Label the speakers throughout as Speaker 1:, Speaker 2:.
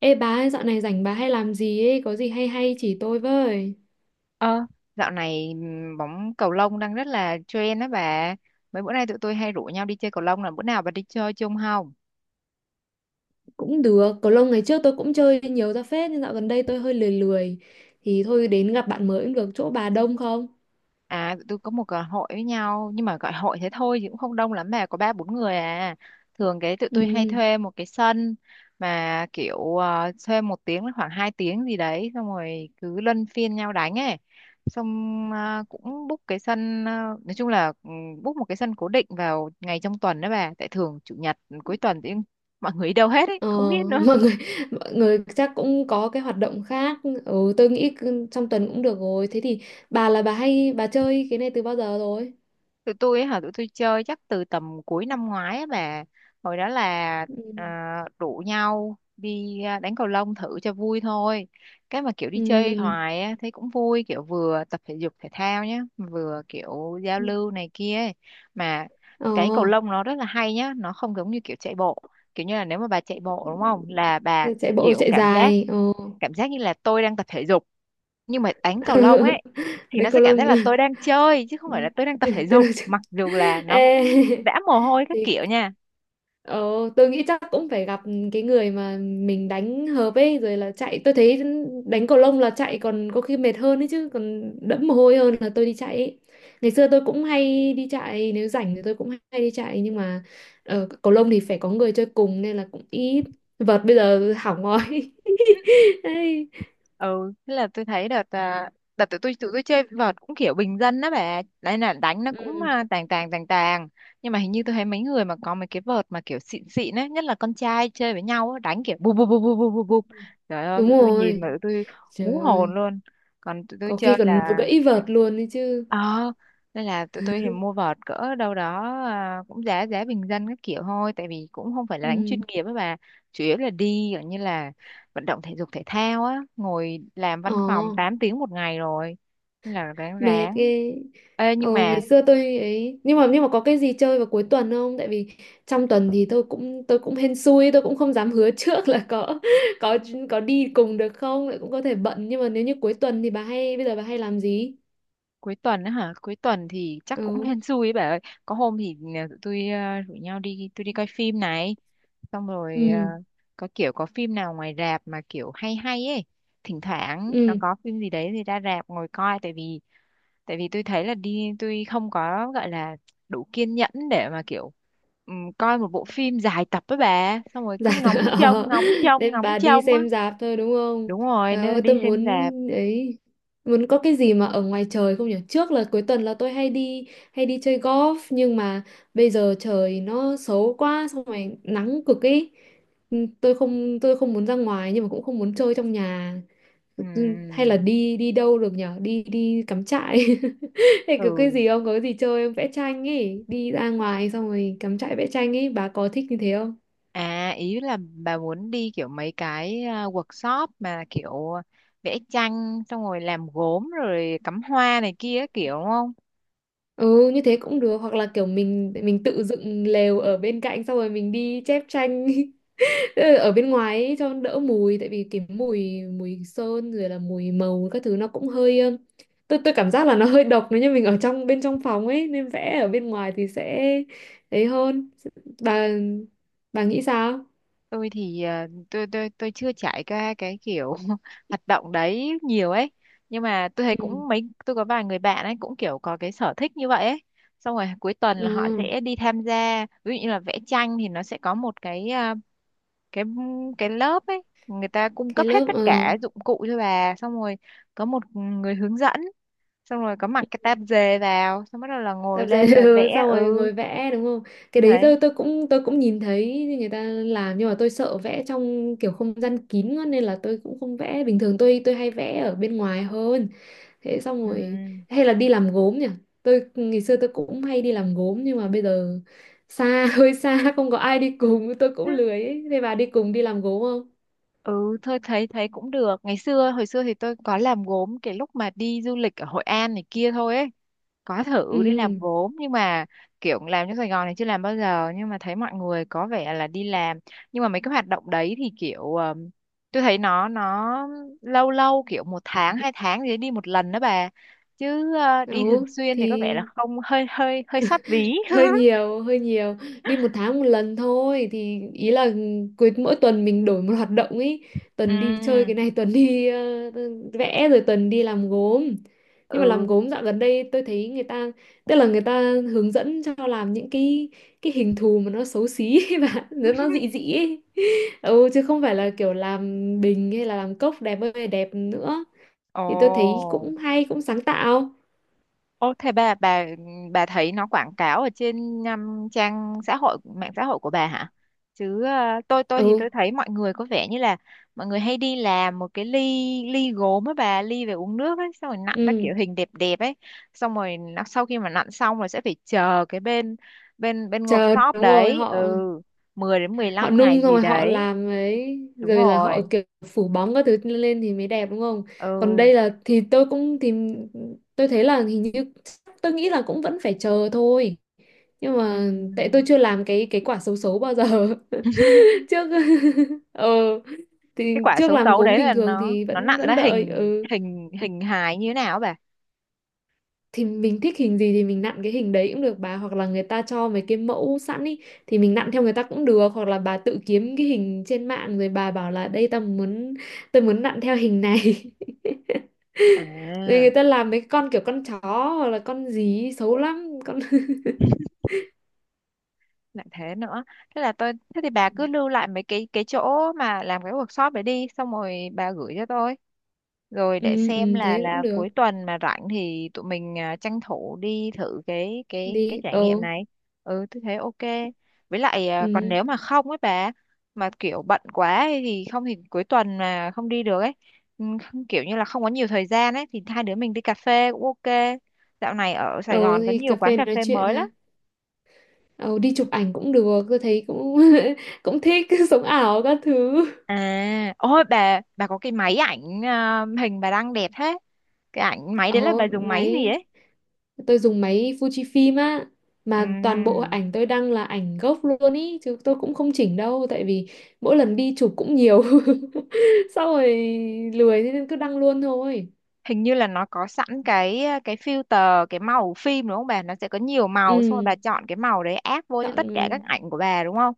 Speaker 1: Ê bà ơi, dạo này rảnh bà hay làm gì ấy, có gì hay hay chỉ tôi với.
Speaker 2: Ờ, dạo này bóng cầu lông đang rất là trend đó bà. Mấy bữa nay tụi tôi hay rủ nhau đi chơi cầu lông là bữa nào bà đi chơi chung không?
Speaker 1: Cũng được, cầu lông ngày trước tôi cũng chơi nhiều ra phết, nhưng dạo gần đây tôi hơi lười lười. Thì thôi đến gặp bạn mới cũng được, chỗ bà đông không?
Speaker 2: À, tụi tôi có một hội với nhau nhưng mà gọi hội thế thôi chứ cũng không đông lắm mà có ba bốn người à. Thường cái tụi tôi hay
Speaker 1: Ừ,
Speaker 2: thuê một cái sân mà kiểu thuê 1 tiếng đến khoảng 2 tiếng gì đấy xong rồi cứ luân phiên nhau đánh ấy. Xong cũng book cái sân nói chung là book một cái sân cố định vào ngày trong tuần đó bà. Tại thường chủ nhật cuối tuần thì mọi người đi đâu hết ấy,
Speaker 1: ờ,
Speaker 2: không biết nữa.
Speaker 1: mọi người, mọi người chắc cũng có cái hoạt động khác. Ừ, tôi nghĩ cứ trong tuần cũng được rồi. Thế thì bà là bà hay, bà chơi cái này từ bao giờ rồi?
Speaker 2: Tụi tôi chơi chắc từ tầm cuối năm ngoái á bà, hồi đó là
Speaker 1: Ừ,
Speaker 2: à, rủ nhau đi đánh cầu lông thử cho vui thôi, cái mà kiểu đi chơi
Speaker 1: ừ,
Speaker 2: hoài á thấy cũng vui, kiểu vừa tập thể dục thể thao nhá vừa kiểu giao lưu này kia ấy. Mà
Speaker 1: ờ,
Speaker 2: cái cầu lông nó rất là hay nhá, nó không giống như kiểu chạy bộ. Kiểu như là nếu mà bà chạy bộ đúng không là bà
Speaker 1: chạy bộ
Speaker 2: kiểu
Speaker 1: chạy
Speaker 2: cảm giác
Speaker 1: dài.
Speaker 2: cảm giác như là tôi đang tập thể dục, nhưng mà đánh cầu lông ấy thì nó
Speaker 1: Đến
Speaker 2: sẽ
Speaker 1: cầu
Speaker 2: cảm
Speaker 1: lông.
Speaker 2: giác là tôi đang chơi chứ không
Speaker 1: Ừ,
Speaker 2: phải là tôi đang tập thể
Speaker 1: tôi nói
Speaker 2: dục,
Speaker 1: chứ.
Speaker 2: mặc dù là nó
Speaker 1: Ê,
Speaker 2: cũng vã mồ hôi các
Speaker 1: thì
Speaker 2: kiểu nha.
Speaker 1: ờ, tôi nghĩ chắc cũng phải gặp cái người mà mình đánh hợp ấy rồi, là chạy tôi thấy đánh cầu lông là chạy còn có khi mệt hơn ấy chứ, còn đẫm mồ hôi hơn là tôi đi chạy ấy. Ngày xưa tôi cũng hay đi chạy, nếu rảnh thì tôi cũng hay đi chạy, nhưng mà cầu lông thì phải có người chơi cùng nên là cũng ít. Vợt bây giờ hỏng rồi. Đấy.
Speaker 2: Ừ Thế là tôi thấy đợt tụi tôi chơi vợt cũng kiểu bình dân đó bà, đấy là đánh nó cũng
Speaker 1: Ừ,
Speaker 2: tàng tàng tàng tàng, nhưng mà hình như tôi thấy mấy người mà có mấy cái vợt mà kiểu xịn xịn ấy, nhất là con trai chơi với nhau á, đánh kiểu bụp bụp bụp bụp bụp bụp bụp. Trời ơi
Speaker 1: đúng
Speaker 2: tụi tôi nhìn
Speaker 1: rồi.
Speaker 2: mà tụi tôi hú
Speaker 1: Trời
Speaker 2: hồn
Speaker 1: ơi,
Speaker 2: luôn. Còn tụi tôi
Speaker 1: có khi
Speaker 2: chơi
Speaker 1: còn
Speaker 2: là
Speaker 1: gãy vợt luôn đấy chứ.
Speaker 2: ờ nên là tụi tôi thì mua vợt cỡ đâu đó cũng giá giá bình dân các kiểu thôi, tại vì cũng không phải là đánh chuyên
Speaker 1: Ừ.
Speaker 2: nghiệp ấy bà. Chủ yếu là đi kiểu như là vận động thể dục thể thao á, ngồi làm văn
Speaker 1: ờ
Speaker 2: phòng 8 tiếng một ngày rồi, nên là ráng
Speaker 1: Mệt
Speaker 2: ráng.
Speaker 1: ghê.
Speaker 2: Ê, nhưng
Speaker 1: Ồ,
Speaker 2: mà
Speaker 1: ngày xưa tôi ấy, nhưng mà có cái gì chơi vào cuối tuần không? Tại vì trong tuần thì tôi cũng hên xui, tôi cũng không dám hứa trước là có có có đi cùng được không, lại cũng có thể bận. Nhưng mà nếu như cuối tuần thì bà hay bây giờ bà hay làm gì?
Speaker 2: cuối tuần á hả, cuối tuần thì chắc cũng
Speaker 1: Ừ,
Speaker 2: hên xui ấy bà ơi. Có hôm thì tụi tôi rủ nhau đi, tôi đi coi phim này, xong rồi
Speaker 1: ừ,
Speaker 2: có kiểu có phim nào ngoài rạp mà kiểu hay hay ấy, thỉnh thoảng nó
Speaker 1: ừ.
Speaker 2: có phim gì đấy thì ra rạp ngồi coi. Tại vì tôi thấy là đi tôi không có gọi là đủ kiên nhẫn để mà kiểu coi một bộ phim dài tập với bà xong rồi
Speaker 1: Dạ.
Speaker 2: cứ ngóng trông
Speaker 1: ờ,
Speaker 2: ngóng trông
Speaker 1: Nên
Speaker 2: ngóng
Speaker 1: bà đi
Speaker 2: trông á.
Speaker 1: xem rạp thôi đúng không?
Speaker 2: Đúng rồi,
Speaker 1: Trời
Speaker 2: nên là
Speaker 1: ơi
Speaker 2: đi
Speaker 1: tôi
Speaker 2: xem rạp.
Speaker 1: ấy muốn có cái gì mà ở ngoài trời không nhỉ? Trước là cuối tuần là tôi hay đi chơi golf, nhưng mà bây giờ trời nó xấu quá, xong rồi nắng cực ấy. Ừ, tôi không muốn ra ngoài nhưng mà cũng không muốn chơi trong nhà. Ừ, hay là
Speaker 2: Ừm,
Speaker 1: đi đi đâu được nhỉ? Đi đi cắm trại. Hay có cái
Speaker 2: ừ
Speaker 1: gì không? Có cái gì chơi không? Vẽ tranh ấy, đi ra ngoài xong rồi cắm trại vẽ tranh ấy, bà có thích như thế không?
Speaker 2: À ý là bà muốn đi kiểu mấy cái workshop mà kiểu vẽ tranh xong rồi làm gốm rồi cắm hoa này kia kiểu đúng không?
Speaker 1: Ừ, như thế cũng được, hoặc là kiểu mình tự dựng lều ở bên cạnh xong rồi mình đi chép tranh. Tức là ở bên ngoài ấy, cho đỡ mùi, tại vì cái mùi mùi sơn rồi là mùi màu các thứ nó cũng hơi tôi cảm giác là nó hơi độc nếu như mình ở trong bên trong phòng ấy, nên vẽ ở bên ngoài thì sẽ ấy hơn. Bà bà nghĩ sao?
Speaker 2: Tôi thì tôi chưa trải qua cái kiểu hoạt động đấy nhiều ấy. Nhưng mà tôi thấy
Speaker 1: Ừ.
Speaker 2: cũng mấy tôi có vài người bạn ấy cũng kiểu có cái sở thích như vậy ấy. Xong rồi cuối tuần
Speaker 1: Ờ,
Speaker 2: là họ sẽ đi tham gia, ví dụ như là vẽ tranh thì nó sẽ có một cái cái cái lớp ấy người ta cung
Speaker 1: cái
Speaker 2: cấp hết
Speaker 1: lớp
Speaker 2: tất cả dụng cụ cho bà, xong rồi có một người hướng dẫn, xong rồi có mặc cái tạp dề vào xong bắt đầu là ngồi
Speaker 1: tập
Speaker 2: lên
Speaker 1: giấy.
Speaker 2: là vẽ.
Speaker 1: Ừ, xong rồi
Speaker 2: Ừ
Speaker 1: ngồi vẽ đúng không? Cái đấy
Speaker 2: thấy
Speaker 1: tôi cũng nhìn thấy người ta làm, nhưng mà tôi sợ vẽ trong kiểu không gian kín quá nên là tôi cũng không vẽ. Bình thường tôi hay vẽ ở bên ngoài hơn. Thế, xong
Speaker 2: ừ
Speaker 1: rồi, hay là đi làm gốm nhỉ? Ngày xưa tôi cũng hay đi làm gốm nhưng mà bây giờ xa, hơi xa, không có ai đi cùng tôi cũng lười ấy. Thế bà đi cùng đi làm gốm không?
Speaker 2: Ừ thôi thấy thấy cũng được, ngày xưa hồi xưa thì tôi có làm gốm cái lúc mà đi du lịch ở Hội An này kia thôi ấy, có thử đi làm
Speaker 1: Ừ,
Speaker 2: gốm. Nhưng mà kiểu làm trong Sài Gòn này chưa làm bao giờ, nhưng mà thấy mọi người có vẻ là đi làm. Nhưng mà mấy cái hoạt động đấy thì kiểu tôi thấy nó lâu lâu kiểu một tháng hai tháng gì đấy đi một lần đó bà, chứ đi thường
Speaker 1: ừ,
Speaker 2: xuyên thì có
Speaker 1: thì
Speaker 2: vẻ là không, hơi hơi hơi xót ví.
Speaker 1: hơi nhiều hơi nhiều. Đi một tháng một lần thôi, thì ý là cuối mỗi tuần mình đổi một hoạt động ý, tuần đi chơi
Speaker 2: Ừ.
Speaker 1: cái này, tuần đi vẽ, rồi tuần đi làm gốm. Nhưng mà làm
Speaker 2: ừ
Speaker 1: gốm dạo gần đây tôi thấy người ta tức là người ta hướng dẫn cho làm những cái hình thù mà nó xấu xí và nó dị dị ấy. Ừ, chứ không phải là kiểu làm bình hay là làm cốc đẹp ơi là đẹp nữa. Thì tôi thấy
Speaker 2: ồ
Speaker 1: cũng hay, cũng sáng tạo.
Speaker 2: Ô, thế bà thấy nó quảng cáo ở trên trang xã hội mạng xã hội của bà hả? Chứ tôi tôi thì
Speaker 1: Ừ,
Speaker 2: tôi thấy mọi người có vẻ như là mọi người hay đi làm một cái ly ly gốm á bà, ly về uống nước ấy, xong rồi nặn ra
Speaker 1: ừ,
Speaker 2: kiểu hình đẹp đẹp ấy. Xong rồi nó, sau khi mà nặn xong rồi sẽ phải chờ cái bên bên bên
Speaker 1: chờ,
Speaker 2: workshop
Speaker 1: đúng rồi.
Speaker 2: đấy, ừ,
Speaker 1: Họ
Speaker 2: 10 đến mười
Speaker 1: Họ
Speaker 2: lăm ngày
Speaker 1: nung xong
Speaker 2: gì
Speaker 1: rồi họ
Speaker 2: đấy.
Speaker 1: làm ấy,
Speaker 2: Đúng
Speaker 1: rồi là họ
Speaker 2: rồi.
Speaker 1: kiểu phủ bóng các thứ lên thì mới đẹp đúng không? Còn
Speaker 2: ừ
Speaker 1: đây là, thì tôi cũng thì, tôi thấy là hình như, tôi nghĩ là cũng vẫn phải chờ thôi. Nhưng mà tại tôi
Speaker 2: ừm.
Speaker 1: chưa làm cái quả xấu xấu bao giờ. Trước ờ
Speaker 2: Cái
Speaker 1: thì
Speaker 2: quả
Speaker 1: trước
Speaker 2: xấu
Speaker 1: làm
Speaker 2: xấu
Speaker 1: gốm
Speaker 2: đấy
Speaker 1: bình
Speaker 2: là
Speaker 1: thường
Speaker 2: nó
Speaker 1: thì
Speaker 2: nó
Speaker 1: vẫn
Speaker 2: nặn
Speaker 1: vẫn
Speaker 2: ra
Speaker 1: đợi.
Speaker 2: hình
Speaker 1: Ừ.
Speaker 2: hình hình hài như thế nào á?
Speaker 1: Thì mình thích hình gì thì mình nặn cái hình đấy cũng được bà, hoặc là người ta cho mấy cái mẫu sẵn ý thì mình nặn theo người ta cũng được, hoặc là bà tự kiếm cái hình trên mạng rồi bà bảo là đây, tao muốn tôi muốn nặn theo hình này. Rồi
Speaker 2: À,
Speaker 1: người ta làm mấy con kiểu con chó, hoặc là con gì ý, xấu lắm con.
Speaker 2: lại thế nữa. Thế là tôi Thế thì bà cứ lưu lại mấy cái chỗ mà làm cái workshop để đi, xong rồi bà gửi cho tôi. Rồi để
Speaker 1: Ừ,
Speaker 2: xem
Speaker 1: ừ, thế cũng
Speaker 2: là
Speaker 1: được.
Speaker 2: cuối tuần mà rảnh thì tụi mình tranh thủ đi thử cái
Speaker 1: Đi.
Speaker 2: trải
Speaker 1: Ờ
Speaker 2: nghiệm này. Ừ, tôi thấy ok. Với lại còn
Speaker 1: ừ
Speaker 2: nếu mà không ấy bà, mà kiểu bận quá ấy thì không, thì cuối tuần mà không đi được ấy. Kiểu như là không có nhiều thời gian ấy thì hai đứa mình đi cà phê cũng ok. Dạo này ở Sài
Speaker 1: ờ
Speaker 2: Gòn có
Speaker 1: thì
Speaker 2: nhiều
Speaker 1: cà
Speaker 2: quán
Speaker 1: phê
Speaker 2: cà
Speaker 1: nói
Speaker 2: phê
Speaker 1: chuyện
Speaker 2: mới lắm.
Speaker 1: ha. Ờ Đi chụp ảnh cũng được, tôi thấy cũng cũng thích, sống ảo các thứ.
Speaker 2: À, ôi bà có cái máy ảnh hình bà đang đẹp thế. Cái ảnh máy đấy là
Speaker 1: Ờ
Speaker 2: bà dùng máy gì
Speaker 1: máy
Speaker 2: ấy?
Speaker 1: Tôi dùng máy Fujifilm á. Mà toàn bộ
Speaker 2: Ừm,
Speaker 1: ảnh tôi đăng là ảnh gốc luôn ý, chứ tôi cũng không chỉnh đâu, tại vì mỗi lần đi chụp cũng nhiều. Sau rồi lười thế nên cứ đăng luôn thôi.
Speaker 2: Hình như là nó có sẵn cái cái filter, cái màu phim đúng không bà? Nó sẽ có nhiều màu, xong rồi bà
Speaker 1: Ừ,
Speaker 2: chọn cái màu đấy áp vô cho
Speaker 1: chọn,
Speaker 2: tất cả các ảnh của bà đúng không?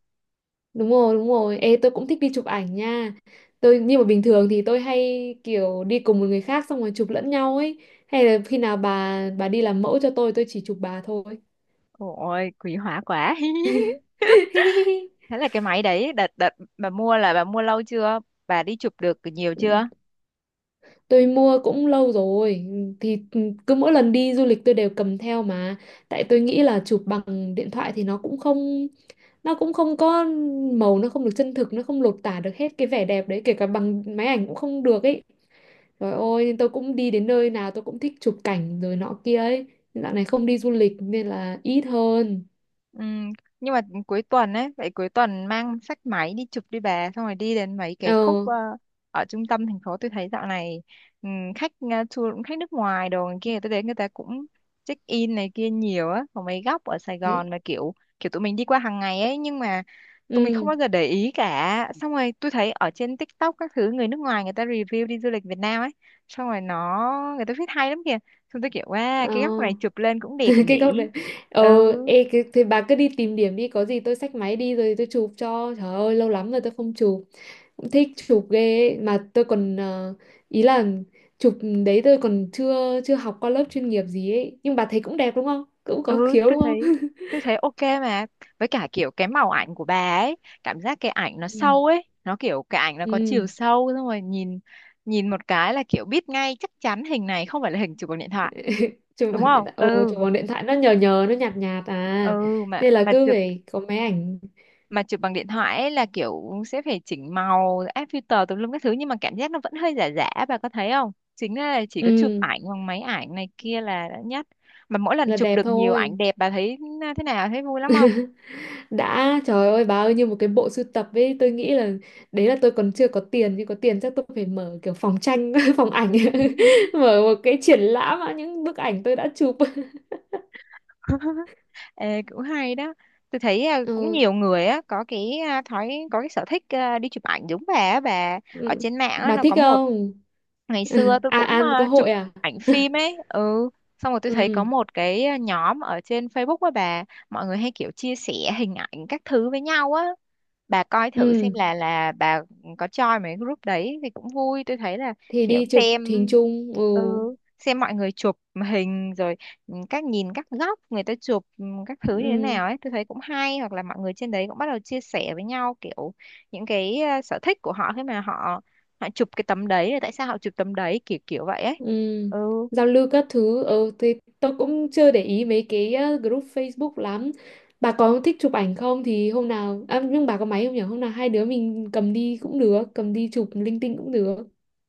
Speaker 1: đúng rồi, đúng rồi. Ê, tôi cũng thích đi chụp ảnh nha. Nhưng mà bình thường thì tôi hay kiểu đi cùng một người khác xong rồi chụp lẫn nhau ấy. Hay là khi nào bà đi làm mẫu cho tôi chỉ chụp bà thôi.
Speaker 2: Ôi, quý hóa quá. Thế là cái máy đấy đợt đợt bà mua là bà mua lâu chưa? Bà đi chụp được nhiều chưa?
Speaker 1: Tôi mua cũng lâu rồi. Thì cứ mỗi lần đi du lịch tôi đều cầm theo mà. Tại tôi nghĩ là chụp bằng điện thoại thì nó cũng không có màu, nó không được chân thực, nó không lột tả được hết cái vẻ đẹp đấy, kể cả bằng máy ảnh cũng không được ấy. Rồi ôi nên tôi cũng đi đến nơi nào tôi cũng thích chụp cảnh rồi nọ kia ấy. Dạo này không đi du lịch nên là ít hơn.
Speaker 2: Ừ, nhưng mà cuối tuần ấy, vậy cuối tuần mang sách máy đi chụp đi bà, xong rồi đi đến mấy cái
Speaker 1: ờ
Speaker 2: khúc ở trung tâm thành phố tôi thấy dạo này ừ, khách tour cũng khách nước ngoài đồ này kia, tôi đến người ta cũng check in này kia nhiều á, có mấy góc ở Sài
Speaker 1: Thế.
Speaker 2: Gòn mà kiểu, kiểu tụi mình đi qua hàng ngày ấy, nhưng mà tụi mình không
Speaker 1: Ừ.
Speaker 2: bao giờ để ý cả. Xong rồi tôi thấy ở trên TikTok các thứ người nước ngoài người ta review đi du lịch Việt Nam ấy, xong rồi nó, người ta viết hay lắm kìa. Xong tôi kiểu wow,
Speaker 1: ờ
Speaker 2: cái góc này chụp lên cũng đẹp
Speaker 1: cái góc
Speaker 2: nhỉ.
Speaker 1: đấy. ờ
Speaker 2: Ừ.
Speaker 1: Ê, cái, thì bà cứ đi tìm điểm đi, có gì tôi xách máy đi rồi tôi chụp cho. Trời ơi, lâu lắm rồi tôi không chụp, cũng thích chụp ghê ấy. Mà tôi còn ý là chụp đấy, tôi còn chưa chưa học qua lớp chuyên nghiệp gì ấy, nhưng bà thấy cũng đẹp đúng không, cũng có
Speaker 2: ừ
Speaker 1: khiếu
Speaker 2: tôi
Speaker 1: đúng không?
Speaker 2: thấy ok mà, với cả kiểu cái màu ảnh của bà ấy, cảm giác cái ảnh nó
Speaker 1: Ừ,
Speaker 2: sâu ấy, nó kiểu cái ảnh nó có chiều
Speaker 1: ừ,
Speaker 2: sâu, xong rồi nhìn, nhìn một cái là kiểu biết ngay chắc chắn hình này không phải là hình chụp bằng điện thoại
Speaker 1: chụp
Speaker 2: đúng
Speaker 1: bằng điện
Speaker 2: không.
Speaker 1: thoại ồ,
Speaker 2: Ừ
Speaker 1: chụp bằng điện thoại nó nhờ nhờ, nó nhạt nhạt à.
Speaker 2: ừ mà
Speaker 1: Nên là
Speaker 2: mà
Speaker 1: cứ
Speaker 2: chụp,
Speaker 1: phải có máy ảnh.
Speaker 2: mà chụp bằng điện thoại ấy là kiểu sẽ phải chỉnh màu áp filter tùm lum các thứ, nhưng mà cảm giác nó vẫn hơi giả giả, bà có thấy không, chính là chỉ có chụp
Speaker 1: Ừ,
Speaker 2: ảnh bằng máy ảnh này kia là đã nhất. Mà mỗi lần
Speaker 1: là
Speaker 2: chụp
Speaker 1: đẹp
Speaker 2: được nhiều ảnh
Speaker 1: thôi.
Speaker 2: đẹp bà thấy thế nào, thấy vui lắm không?
Speaker 1: Đã, trời ơi bà ơi, như một cái bộ sưu tập ấy. Tôi nghĩ là đấy là tôi còn chưa có tiền, nhưng có tiền chắc tôi phải mở kiểu phòng tranh, phòng ảnh. Mở một cái triển lãm á, những bức ảnh tôi đã chụp.
Speaker 2: Ê, cũng hay đó. Tôi thấy cũng
Speaker 1: Ừ.
Speaker 2: nhiều người á có cái thói có cái sở thích đi chụp ảnh giống bà á, bà ở
Speaker 1: Ừ.
Speaker 2: trên mạng á
Speaker 1: Bà
Speaker 2: nó
Speaker 1: thích
Speaker 2: có một,
Speaker 1: không?
Speaker 2: ngày xưa tôi
Speaker 1: À,
Speaker 2: cũng
Speaker 1: à, có
Speaker 2: chụp
Speaker 1: hội à.
Speaker 2: ảnh phim ấy. Ừ Xong rồi tôi thấy có
Speaker 1: Ừ,
Speaker 2: một cái nhóm ở trên Facebook á bà, mọi người hay kiểu chia sẻ hình ảnh các thứ với nhau á. Bà coi thử xem
Speaker 1: ừ,
Speaker 2: là bà có join mấy group đấy thì cũng vui, tôi thấy là
Speaker 1: thì
Speaker 2: kiểu
Speaker 1: đi chụp
Speaker 2: xem,
Speaker 1: hình chung. Ừ,
Speaker 2: ừ xem mọi người chụp hình rồi, các nhìn các góc người ta chụp các thứ như thế
Speaker 1: ừ.
Speaker 2: nào ấy tôi thấy cũng hay, hoặc là mọi người trên đấy cũng bắt đầu chia sẻ với nhau kiểu những cái sở thích của họ khi mà họ, họ chụp cái tấm đấy là tại sao họ chụp tấm đấy kiểu kiểu vậy ấy.
Speaker 1: Ừ.
Speaker 2: ừ
Speaker 1: Giao lưu các thứ. Ờ thì tôi cũng chưa để ý mấy cái group Facebook lắm. Bà có thích chụp ảnh không? Thì hôm nào à, nhưng bà có máy không nhỉ? Hôm nào hai đứa mình cầm đi cũng được, cầm đi chụp linh tinh cũng được.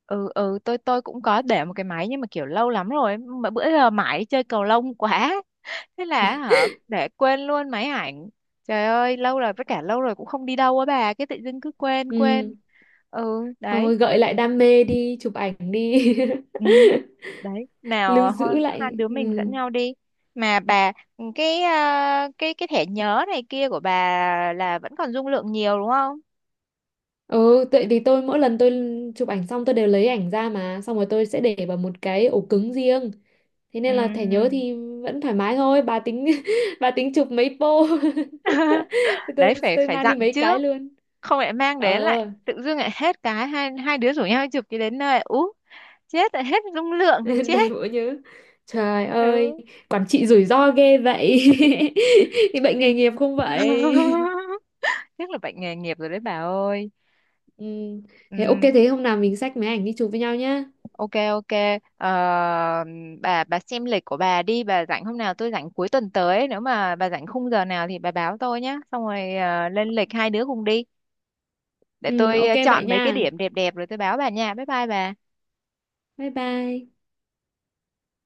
Speaker 2: ừ tôi cũng có để một cái máy nhưng mà kiểu lâu lắm rồi mà bữa giờ mãi chơi cầu lông quá, thế là họ để quên luôn máy ảnh. Trời ơi lâu rồi, với cả lâu rồi cũng không đi đâu á bà, cái tự dưng cứ quên
Speaker 1: Ừ.
Speaker 2: quên. Ừ đấy,
Speaker 1: Thôi, gợi lại đam mê đi chụp ảnh đi.
Speaker 2: ừ đấy,
Speaker 1: Lưu
Speaker 2: nào
Speaker 1: giữ
Speaker 2: hai
Speaker 1: lại.
Speaker 2: đứa mình dẫn
Speaker 1: Ừ.
Speaker 2: nhau đi. Mà bà cái cái thẻ nhớ này kia của bà là vẫn còn dung lượng nhiều đúng không?
Speaker 1: Ừ, tại vì mỗi lần tôi chụp ảnh xong tôi đều lấy ảnh ra, mà xong rồi tôi sẽ để vào một cái ổ cứng riêng. Thế nên là thẻ nhớ
Speaker 2: Ừ.
Speaker 1: thì vẫn thoải mái thôi. Bà tính, bà tính chụp mấy pô?
Speaker 2: Đấy phải
Speaker 1: Tôi
Speaker 2: phải
Speaker 1: mang đi
Speaker 2: dặn
Speaker 1: mấy cái
Speaker 2: trước,
Speaker 1: luôn.
Speaker 2: không lại mang đến
Speaker 1: ờ
Speaker 2: lại tự dưng lại hết, cái hai hai đứa rủ nhau đi chụp cái đến nơi ú chết lại hết dung lượng thì
Speaker 1: Đầy
Speaker 2: chết.
Speaker 1: bộ nhớ. Trời ơi,
Speaker 2: Ừ,
Speaker 1: quản trị rủi ro ghê vậy. Thì bệnh
Speaker 2: đi.
Speaker 1: nghề nghiệp không vậy?
Speaker 2: Chắc là bệnh nghề nghiệp rồi đấy bà ơi.
Speaker 1: Ừ. Thế ok,
Speaker 2: Ừm,
Speaker 1: thế hôm nào mình xách máy ảnh đi chụp với nhau nhá.
Speaker 2: ok ok. Ờ, bà xem lịch của bà đi, bà rảnh hôm nào, tôi rảnh cuối tuần tới, nếu mà bà rảnh khung giờ nào thì bà báo tôi nhé, xong rồi lên lịch hai đứa cùng đi, để
Speaker 1: Ừ,
Speaker 2: tôi
Speaker 1: ok vậy
Speaker 2: chọn mấy cái
Speaker 1: nha.
Speaker 2: điểm đẹp đẹp rồi tôi báo bà nha. Bye bye bà.
Speaker 1: Bye bye.